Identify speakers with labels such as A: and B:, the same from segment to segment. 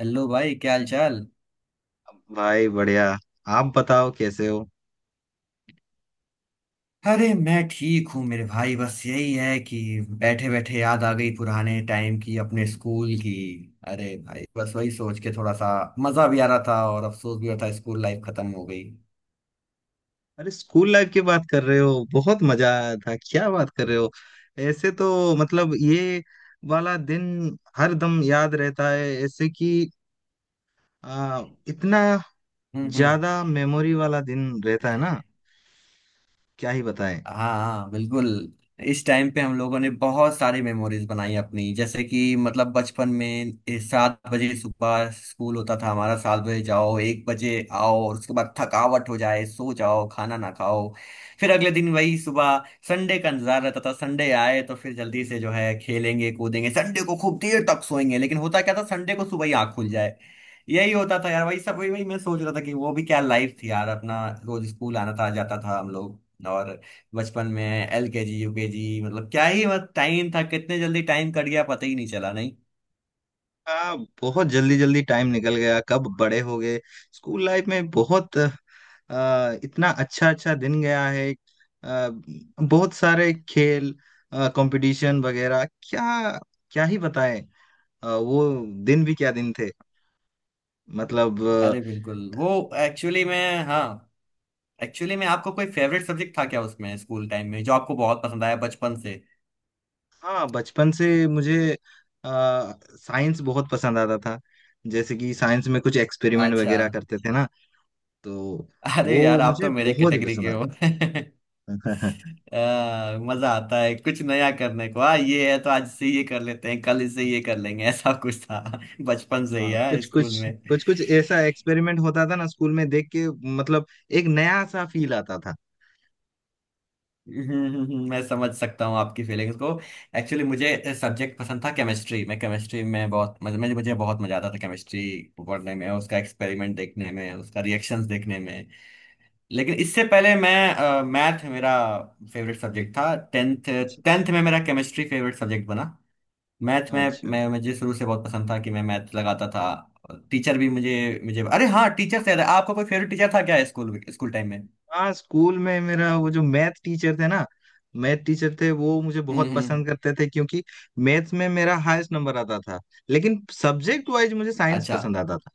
A: Hello भाई, क्या हाल चाल।
B: भाई बढ़िया। आप बताओ कैसे हो।
A: अरे मैं ठीक हूँ मेरे भाई, बस यही है कि बैठे बैठे याद आ गई पुराने टाइम की, अपने स्कूल की। अरे भाई बस वही सोच के थोड़ा सा मजा भी आ रहा था और अफसोस भी हो रहा था, स्कूल लाइफ खत्म हो गई।
B: अरे स्कूल लाइफ की बात कर रहे हो बहुत मजा आया था क्या बात कर रहे हो। ऐसे तो मतलब ये वाला दिन हर दम याद रहता है ऐसे कि आ, इतना ज्यादा
A: हम्म।
B: मेमोरी वाला दिन रहता है ना। क्या ही बताएं।
A: हाँ हाँ बिल्कुल। इस टाइम पे हम लोगों ने बहुत सारी मेमोरीज बनाई अपनी, जैसे कि मतलब बचपन में 7 बजे सुबह स्कूल होता था हमारा, 7 बजे जाओ 1 बजे आओ, और उसके बाद थकावट हो जाए सो जाओ खाना ना खाओ। फिर अगले दिन वही सुबह। संडे का इंतजार रहता था, संडे आए तो फिर जल्दी से जो है खेलेंगे कूदेंगे, संडे को खूब देर तक सोएंगे, लेकिन होता क्या था, संडे को सुबह ही आँख खुल जाए। यही होता था यार, वही सब, वही वही मैं सोच रहा था कि वो भी क्या लाइफ थी यार, अपना रोज स्कूल आना था जाता था हम लोग। और बचपन में एलकेजी यूकेजी, मतलब क्या ही, मतलब टाइम था, कितने जल्दी टाइम कट गया पता ही नहीं चला नहीं।
B: आ, बहुत जल्दी जल्दी टाइम निकल गया कब बड़े हो गए। स्कूल लाइफ में बहुत इतना अच्छा अच्छा दिन गया है। आ, बहुत सारे खेल कंपटीशन वगैरह क्या। क्या ही बताएं। वो दिन भी क्या दिन थे। मतलब
A: अरे बिल्कुल वो एक्चुअली में, हाँ, एक्चुअली में आपका कोई फेवरेट सब्जेक्ट था क्या उसमें, स्कूल टाइम में जो आपको बहुत पसंद आया बचपन से?
B: हाँ बचपन से मुझे आ, साइंस बहुत पसंद आता था। जैसे कि साइंस में कुछ एक्सपेरिमेंट
A: अच्छा।
B: वगैरह करते थे ना तो
A: अरे यार,
B: वो
A: आप तो
B: मुझे
A: मेरे
B: बहुत ही
A: कैटेगरी के
B: पसंद
A: हो।
B: आता था।
A: मजा आता है कुछ नया करने को, हाँ ये है, तो आज से ये कर लेते हैं कल इससे ये कर लेंगे, ऐसा कुछ था। बचपन से ही
B: हाँ
A: है
B: कुछ
A: स्कूल
B: कुछ
A: में।
B: कुछ कुछ ऐसा एक्सपेरिमेंट होता था ना स्कूल में देख के मतलब एक नया सा फील आता था।
A: मैं समझ सकता हूँ आपकी फीलिंग्स को। एक्चुअली मुझे सब्जेक्ट पसंद था केमिस्ट्री, मैं केमिस्ट्री में बहुत मज- मुझे मुझे बहुत मजा आता था, केमिस्ट्री पढ़ने में, उसका एक्सपेरिमेंट देखने में, उसका रिएक्शंस देखने में। लेकिन इससे पहले मैं मैथ मेरा फेवरेट सब्जेक्ट था, 10वीं।
B: अच्छा अच्छा
A: 10वीं में मेरा केमिस्ट्री फेवरेट सब्जेक्ट बना। मैथ में
B: अच्छा।
A: मैं मुझे शुरू से बहुत पसंद था कि मैं मैथ लगाता था। टीचर भी मुझे मुझे अरे हाँ, टीचर से याद है, आपका कोई फेवरेट टीचर था क्या स्कूल, स्कूल टाइम में?
B: हाँ स्कूल में मेरा वो जो मैथ टीचर थे ना। मैथ टीचर थे वो मुझे बहुत पसंद
A: हम्म।
B: करते थे क्योंकि मैथ्स में मेरा हाईएस्ट नंबर आता था। लेकिन सब्जेक्ट वाइज मुझे साइंस
A: अच्छा
B: पसंद आता था।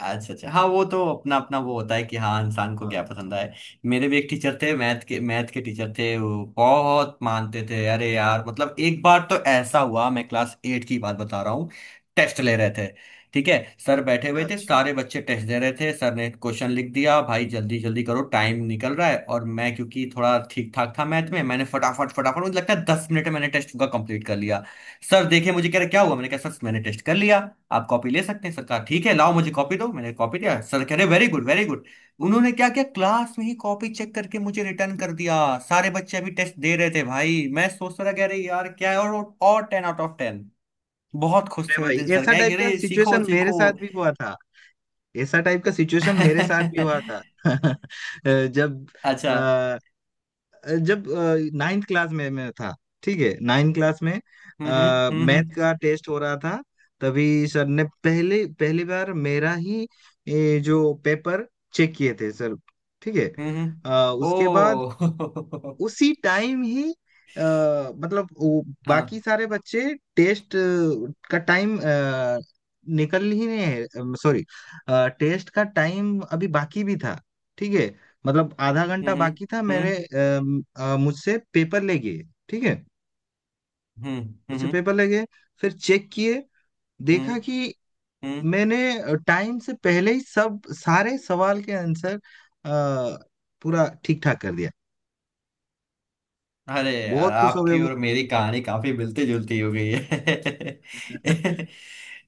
A: अच्छा। अच्छा हाँ, वो तो अपना अपना वो होता है कि हाँ इंसान को क्या
B: अच्छा
A: पसंद है। मेरे भी एक टीचर थे मैथ के, मैथ के टीचर थे, वो बहुत मानते थे। अरे यार, मतलब एक बार तो ऐसा हुआ, मैं क्लास 8 की बात बता रहा हूँ। टेस्ट ले रहे थे, ठीक है। सर बैठे हुए थे,
B: अच्छा।
A: सारे बच्चे टेस्ट दे रहे थे, सर ने क्वेश्चन लिख दिया, भाई जल्दी जल्दी करो टाइम निकल रहा है, और मैं क्योंकि थोड़ा ठीक ठाक था मैथ में, मैंने फटाफट फटाफट, मुझे लगता है 10 मिनट में मैंने टेस्ट का कंप्लीट कर लिया। सर देखिए मुझे कह रहे क्या हुआ, मैंने कहा सर मैंने टेस्ट कर लिया, आप कॉपी ले सकते हैं। सर कहा ठीक है लाओ मुझे कॉपी दो, मैंने कॉपी दिया, सर कह रहे वेरी गुड वेरी गुड। उन्होंने क्या किया, क्लास में ही कॉपी चेक करके मुझे रिटर्न कर दिया। सारे बच्चे अभी टेस्ट दे रहे थे, भाई मैं सोच रहा कह रही यार क्या है, और और 10 आउट ऑफ 10। बहुत खुश
B: अरे
A: थे उस
B: भाई
A: दिन सर,
B: ऐसा
A: कह रहे
B: टाइप का
A: "अरे, सीखो
B: सिचुएशन मेरे
A: सीखो"।
B: साथ भी हुआ था। ऐसा टाइप का सिचुएशन मेरे साथ भी हुआ था। जब
A: अच्छा।
B: जब नाइन्थ क्लास में मैं था। ठीक है। नाइन्थ क्लास में
A: हम्म हम्म।
B: मैथ का टेस्ट हो रहा था। तभी सर ने पहले पहली बार मेरा ही जो पेपर चेक किए थे सर। ठीक है।
A: हम्म हम्म हम्म, हम्म।
B: उसके बाद
A: ओ।
B: उसी टाइम ही अ, मतलब वो बाकी
A: हाँ।
B: सारे बच्चे टेस्ट का टाइम निकल ही नहीं है। सॉरी। टेस्ट का टाइम अभी बाकी भी था। ठीक है। मतलब आधा
A: हम्म
B: घंटा
A: हम्म
B: बाकी था
A: हम्म
B: मेरे मुझसे पेपर ले गए। ठीक है।
A: हम्म
B: मुझसे
A: हम्म
B: पेपर ले गए। फिर चेक किए।
A: हम्म
B: देखा कि
A: हम्म।
B: मैंने टाइम से पहले ही सब सारे सवाल के आंसर अ, पूरा ठीक ठाक कर दिया।
A: अरे यार,
B: बहुत खुश हो गए
A: आपकी
B: वो।
A: और मेरी कहानी काफी मिलती जुलती हो गई है।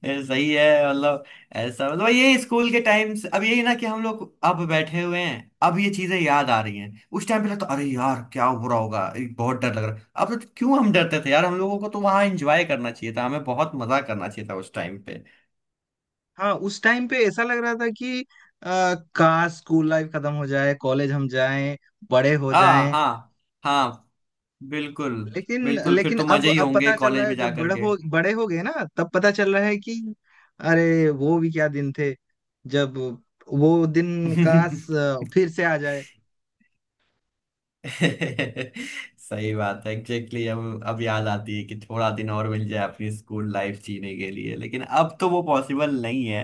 A: ये सही है, मतलब ऐसा मतलब ये स्कूल के टाइम से, अब यही ना कि हम लोग अब बैठे हुए हैं, अब ये चीजें याद आ रही हैं, उस टाइम पे लगता अरे यार क्या हो रहा होगा, ये बहुत डर लग रहा है अब तो, क्यों हम डरते थे यार, हम लोगों को तो वहां एंजॉय करना चाहिए था, हमें बहुत मजा करना चाहिए था उस टाइम पे।
B: हाँ उस टाइम पे ऐसा लग रहा था कि काश स्कूल लाइफ खत्म हो जाए कॉलेज हम जाएं बड़े हो
A: हाँ
B: जाएं।
A: हाँ। हाँ बिल्कुल।
B: लेकिन
A: बिल्कुल फिर
B: लेकिन
A: तो
B: अब
A: मजे ही
B: अब
A: होंगे
B: पता चल रहा
A: कॉलेज में
B: है
A: जा
B: जब बड़े
A: करके।
B: हो बड़े हो गए ना। तब पता चल रहा है कि अरे वो भी क्या दिन थे जब वो दिन काश फिर से आ जाए।
A: सही बात है एग्जैक्टली। अब याद आती है कि थोड़ा दिन और मिल जाए अपनी स्कूल लाइफ जीने के लिए, लेकिन अब तो वो पॉसिबल नहीं है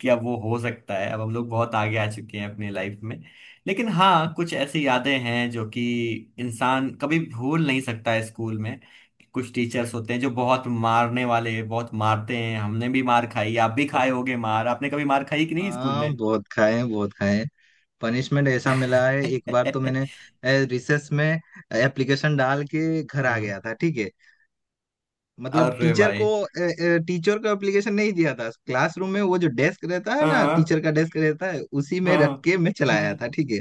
A: कि अब वो हो सकता है, अब हम लोग बहुत आगे आ चुके हैं अपनी लाइफ में। लेकिन हाँ, कुछ ऐसी यादें हैं जो कि इंसान कभी भूल नहीं सकता है स्कूल में। कुछ टीचर्स होते हैं जो बहुत मारने वाले, बहुत मारते हैं, हमने भी मार खाई, आप भी खाए होगे मार, आपने कभी मार खाई कि नहीं स्कूल
B: हाँ
A: में?
B: बहुत खाए हैं बहुत खाए हैं। पनिशमेंट ऐसा मिला है एक बार तो मैंने रिसेस में एप्लीकेशन डाल के घर आ
A: हम्म।
B: गया था। ठीक है। मतलब
A: अरे
B: टीचर को
A: भाई।
B: टीचर को एप्लीकेशन नहीं दिया था क्लासरूम में वो जो डेस्क रहता है ना
A: हाँ
B: टीचर का डेस्क रहता है उसी में
A: हाँ
B: रख
A: हाँ,
B: के मैं चलाया
A: हम्म।
B: था। ठीक है।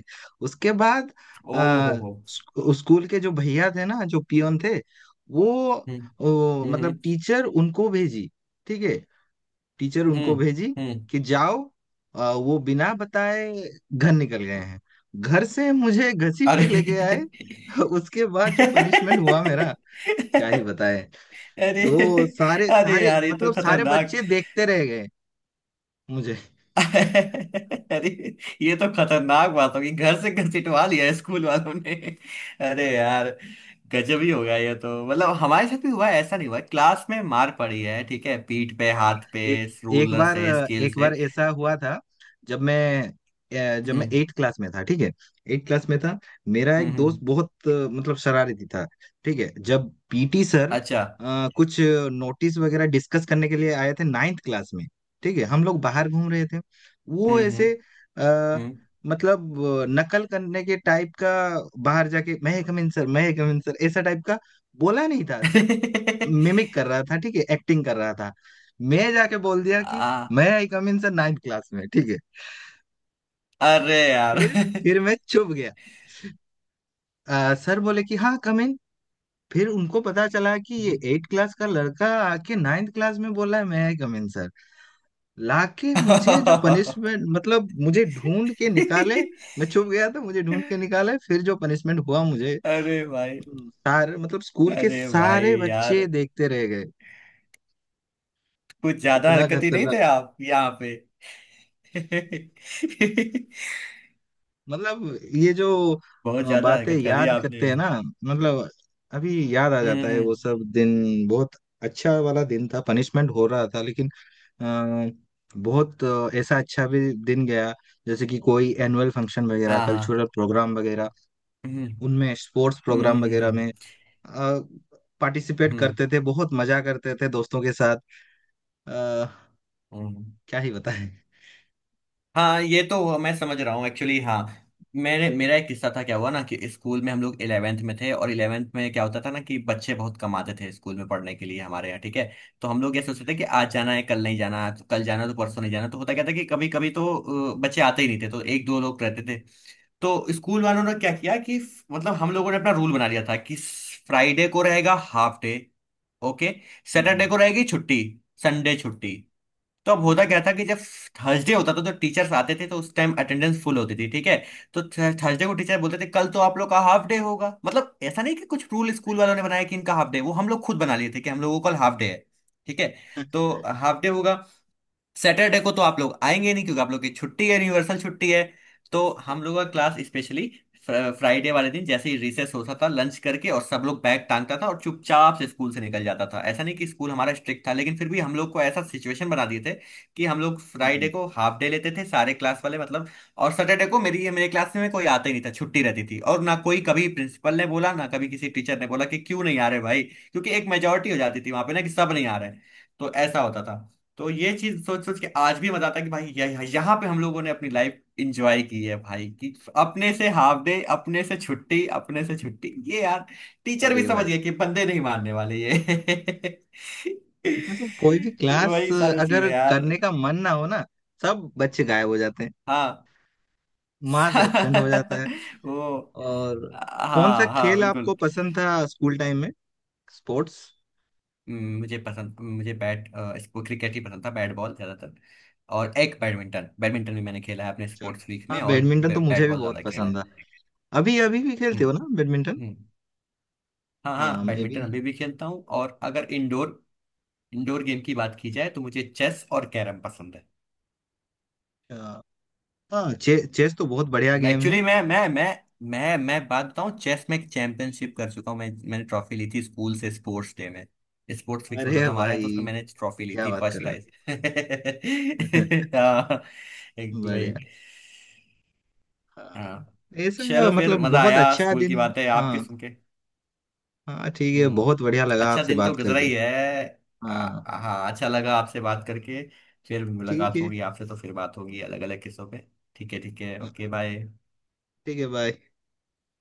B: उसके बाद अ,
A: ओ हो हो।
B: स्कूल के जो भैया थे ना जो पियोन थे
A: हम्म
B: वो मतलब
A: हम्म
B: टीचर उनको भेजी। ठीक है। टीचर उनको
A: हम्म
B: भेजी
A: हम्म।
B: कि जाओ वो बिना बताए घर निकल गए हैं। घर से मुझे घसीट के
A: अरे।
B: लेके आए। उसके बाद जो पनिशमेंट हुआ मेरा क्या ही बताए।
A: अरे,
B: वो सारे
A: अरे
B: सारे
A: यार ये तो
B: मतलब सारे
A: खतरनाक।
B: बच्चे देखते रह गए मुझे।
A: अरे, ये तो खतरनाक बात होगी, घर से घसीटवा लिया स्कूल वालों ने। अरे यार, गजब ही होगा ये तो। मतलब हमारे साथ भी हुआ है, ऐसा नहीं हुआ, क्लास में मार पड़ी है, ठीक है, पीठ पे
B: हाँ,
A: हाथ पे,
B: एक एक
A: रूलर
B: बार
A: से स्केल
B: एक बार
A: से।
B: ऐसा हुआ था जब मैं जब मैं
A: हम्म
B: एट क्लास में था। ठीक है। एट क्लास में था। मेरा
A: हम्म।
B: एक दोस्त बहुत मतलब शरारती था। ठीक है। जब पीटी सर
A: अच्छा।
B: कुछ नोटिस वगैरह डिस्कस करने के लिए आए थे नाइन्थ क्लास में। ठीक है। हम लोग बाहर घूम रहे थे वो
A: हम्म हम्म
B: ऐसे आ,
A: हम्म।
B: मतलब नकल करने के टाइप का बाहर जाके मैं कमिंग सर ऐसा टाइप का बोला नहीं था सिर्फ मिमिक कर रहा था। ठीक है। एक्टिंग कर रहा था। मैं जाके बोल दिया कि
A: आ,
B: मैं I come in sir ninth class में। ठीक है।
A: अरे यार।
B: फिर फिर मैं चुप गया। सर बोले कि हाँ कम इन। फिर उनको पता चला कि ये एट क्लास का लड़का आके नाइन्थ क्लास में बोला है मैं आई कम इन सर। लाके मुझे जो पनिशमेंट मतलब मुझे ढूंढ के निकाले। मैं चुप गया था मुझे ढूंढ के निकाले फिर जो पनिशमेंट हुआ मुझे।
A: अरे भाई।
B: सारे मतलब स्कूल के
A: अरे भाई
B: सारे
A: यार,
B: बच्चे देखते रह गए।
A: कुछ ज्यादा
B: कितना
A: हरकत ही नहीं
B: खतरनाक।
A: थे आप यहाँ पे।
B: मतलब ये जो
A: बहुत ज्यादा
B: बातें
A: हरकत कर दी
B: याद
A: आपने।
B: करते हैं ना मतलब अभी याद आ जाता
A: हम्म
B: है वो
A: हम्म,
B: सब दिन बहुत अच्छा वाला दिन था। पनिशमेंट हो रहा था लेकिन अ, बहुत ऐसा अच्छा भी दिन गया। जैसे कि कोई एनुअल फंक्शन वगैरह
A: हाँ हाँ।
B: कल्चरल प्रोग्राम वगैरह
A: हम्म
B: उनमें स्पोर्ट्स
A: हम्म
B: प्रोग्राम
A: हम्म
B: वगैरह
A: हम्म
B: में पार्टिसिपेट
A: हम्म।
B: करते थे बहुत मजा करते थे दोस्तों के साथ। अ,
A: हम्म।
B: क्या ही बताएं।
A: हाँ ये तो मैं समझ रहा हूँ एक्चुअली, हाँ मेरे मेरा एक किस्सा था, क्या हुआ ना कि स्कूल में हम लोग 11वीं में थे, और 11वीं में क्या होता था ना कि बच्चे बहुत कम आते थे स्कूल में पढ़ने के लिए हमारे यहाँ, ठीक है। तो हम लोग ये सोचते थे कि आज जाना है कल नहीं जाना, तो कल जाना तो परसों नहीं जाना, तो होता क्या था कि कभी कभी तो बच्चे आते ही नहीं थे, तो एक दो लोग रहते थे। तो स्कूल वालों ने क्या किया, कि मतलब हम लोगों ने अपना रूल बना लिया था कि फ्राइडे को रहेगा हाफ डे, ओके, सैटरडे
B: हम्म,
A: को रहेगी छुट्टी, संडे छुट्टी। तो अब होता
B: अच्छा।
A: क्या था कि जब थर्सडे होता था तो टीचर्स आते थे, तो उस टाइम अटेंडेंस फुल होती थी, ठीक है। तो थर्सडे को टीचर बोलते थे कल तो आप लोग का हाफ डे होगा, मतलब ऐसा नहीं कि कुछ रूल स्कूल वालों ने बनाया कि इनका हाफ डे, वो हम लोग खुद बना लिए थे कि हम लोगों को कल हाफ डे है, ठीक है, तो हाफ डे होगा। सैटरडे को तो आप लोग आएंगे नहीं क्योंकि आप लोग की छुट्टी है, यूनिवर्सल छुट्टी है। तो हम लोग का क्लास स्पेशली फ्राइडे वाले दिन, जैसे ही रिसेस होता था लंच करके, और सब लोग बैग टांगता था और चुपचाप से स्कूल से निकल जाता था, ऐसा नहीं कि स्कूल हमारा स्ट्रिक्ट था, लेकिन फिर भी हम लोग को ऐसा सिचुएशन बना दिए थे कि हम लोग
B: हम्म,
A: फ्राइडे को हाफ डे लेते थे सारे क्लास वाले, मतलब, और सैटरडे को मेरी मेरे क्लास में कोई आता ही नहीं था, छुट्टी रहती थी, और ना कोई कभी प्रिंसिपल ने बोला ना कभी किसी टीचर ने बोला कि क्यों नहीं आ रहे भाई, क्योंकि एक मेजोरिटी हो जाती थी वहां पे ना कि सब नहीं आ रहे हैं। तो ऐसा होता था। तो ये चीज सोच सोच के आज भी मजा आता है कि भाई यहाँ पे हम लोगों ने अपनी लाइफ इंजॉय की है भाई, कि अपने से हाफ डे, अपने से छुट्टी, अपने से छुट्टी, ये यार टीचर भी
B: अरे
A: समझ
B: भाई
A: गए कि बंदे नहीं मानने वाले ये।
B: मतलब कोई भी क्लास
A: वही सारी चीजें
B: अगर
A: यार।
B: करने का मन ना हो ना सब बच्चे गायब हो जाते हैं
A: हाँ।
B: मास एब्सेंट हो जाता है।
A: वो।
B: और कौन सा
A: हाँ हाँ
B: खेल आपको
A: बिल्कुल।
B: पसंद था स्कूल टाइम में। स्पोर्ट्स।
A: मुझे पसंद, इसको क्रिकेट ही पसंद था, बैट बॉल ज्यादातर। और एक बैडमिंटन, बैडमिंटन भी मैंने खेला है अपने
B: अच्छा।
A: स्पोर्ट्स वीक
B: हाँ
A: में, और
B: बैडमिंटन तो मुझे
A: बैट
B: भी
A: बॉल
B: बहुत
A: ज्यादा खेला
B: पसंद
A: है।
B: था। अभी अभी भी खेलते
A: हम्म
B: हो ना बैडमिंटन।
A: हम्म। हाँ
B: हाँ
A: हाँ,
B: मैं
A: बैडमिंटन
B: भी।
A: अभी भी खेलता हूँ, और अगर इंडोर इंडोर गेम की बात की जाए तो मुझे चेस और कैरम पसंद है।
B: अच्छा। हाँ चेस तो बहुत बढ़िया
A: मैं
B: गेम है।
A: एक्चुअली, मैं बात बताऊँ, चेस में एक चैंपियनशिप कर चुका हूँ मैं, मैंने ट्रॉफी ली थी स्कूल से स्पोर्ट्स डे में। स्पोर्ट्स वीक होता
B: अरे
A: था हमारे यहाँ, तो
B: भाई
A: उसमें मैंने ट्रॉफी ली
B: क्या
A: थी,
B: बात कर
A: फर्स्ट
B: रहे
A: प्राइज।
B: हो।
A: हाँ, एक वही।
B: बढ़िया।
A: हाँ।
B: हाँ ऐसा
A: चलो फिर
B: मतलब
A: मजा
B: बहुत
A: आया
B: अच्छा
A: स्कूल की
B: दिन।
A: बातें आपके
B: हाँ।
A: सुन के।
B: हाँ ठीक है
A: हम्म,
B: बहुत बढ़िया लगा
A: अच्छा
B: आपसे
A: दिन तो
B: बात
A: गुजरा
B: करके।
A: ही है। आ,
B: हाँ
A: आ- हाँ, अच्छा लगा आपसे बात करके, फिर
B: ठीक
A: मुलाकात
B: है।
A: होगी आपसे तो फिर बात होगी अलग अलग किस्सों पे। ठीक है ठीक है,
B: हाँ,
A: ओके बाय।
B: ठीक है बाय।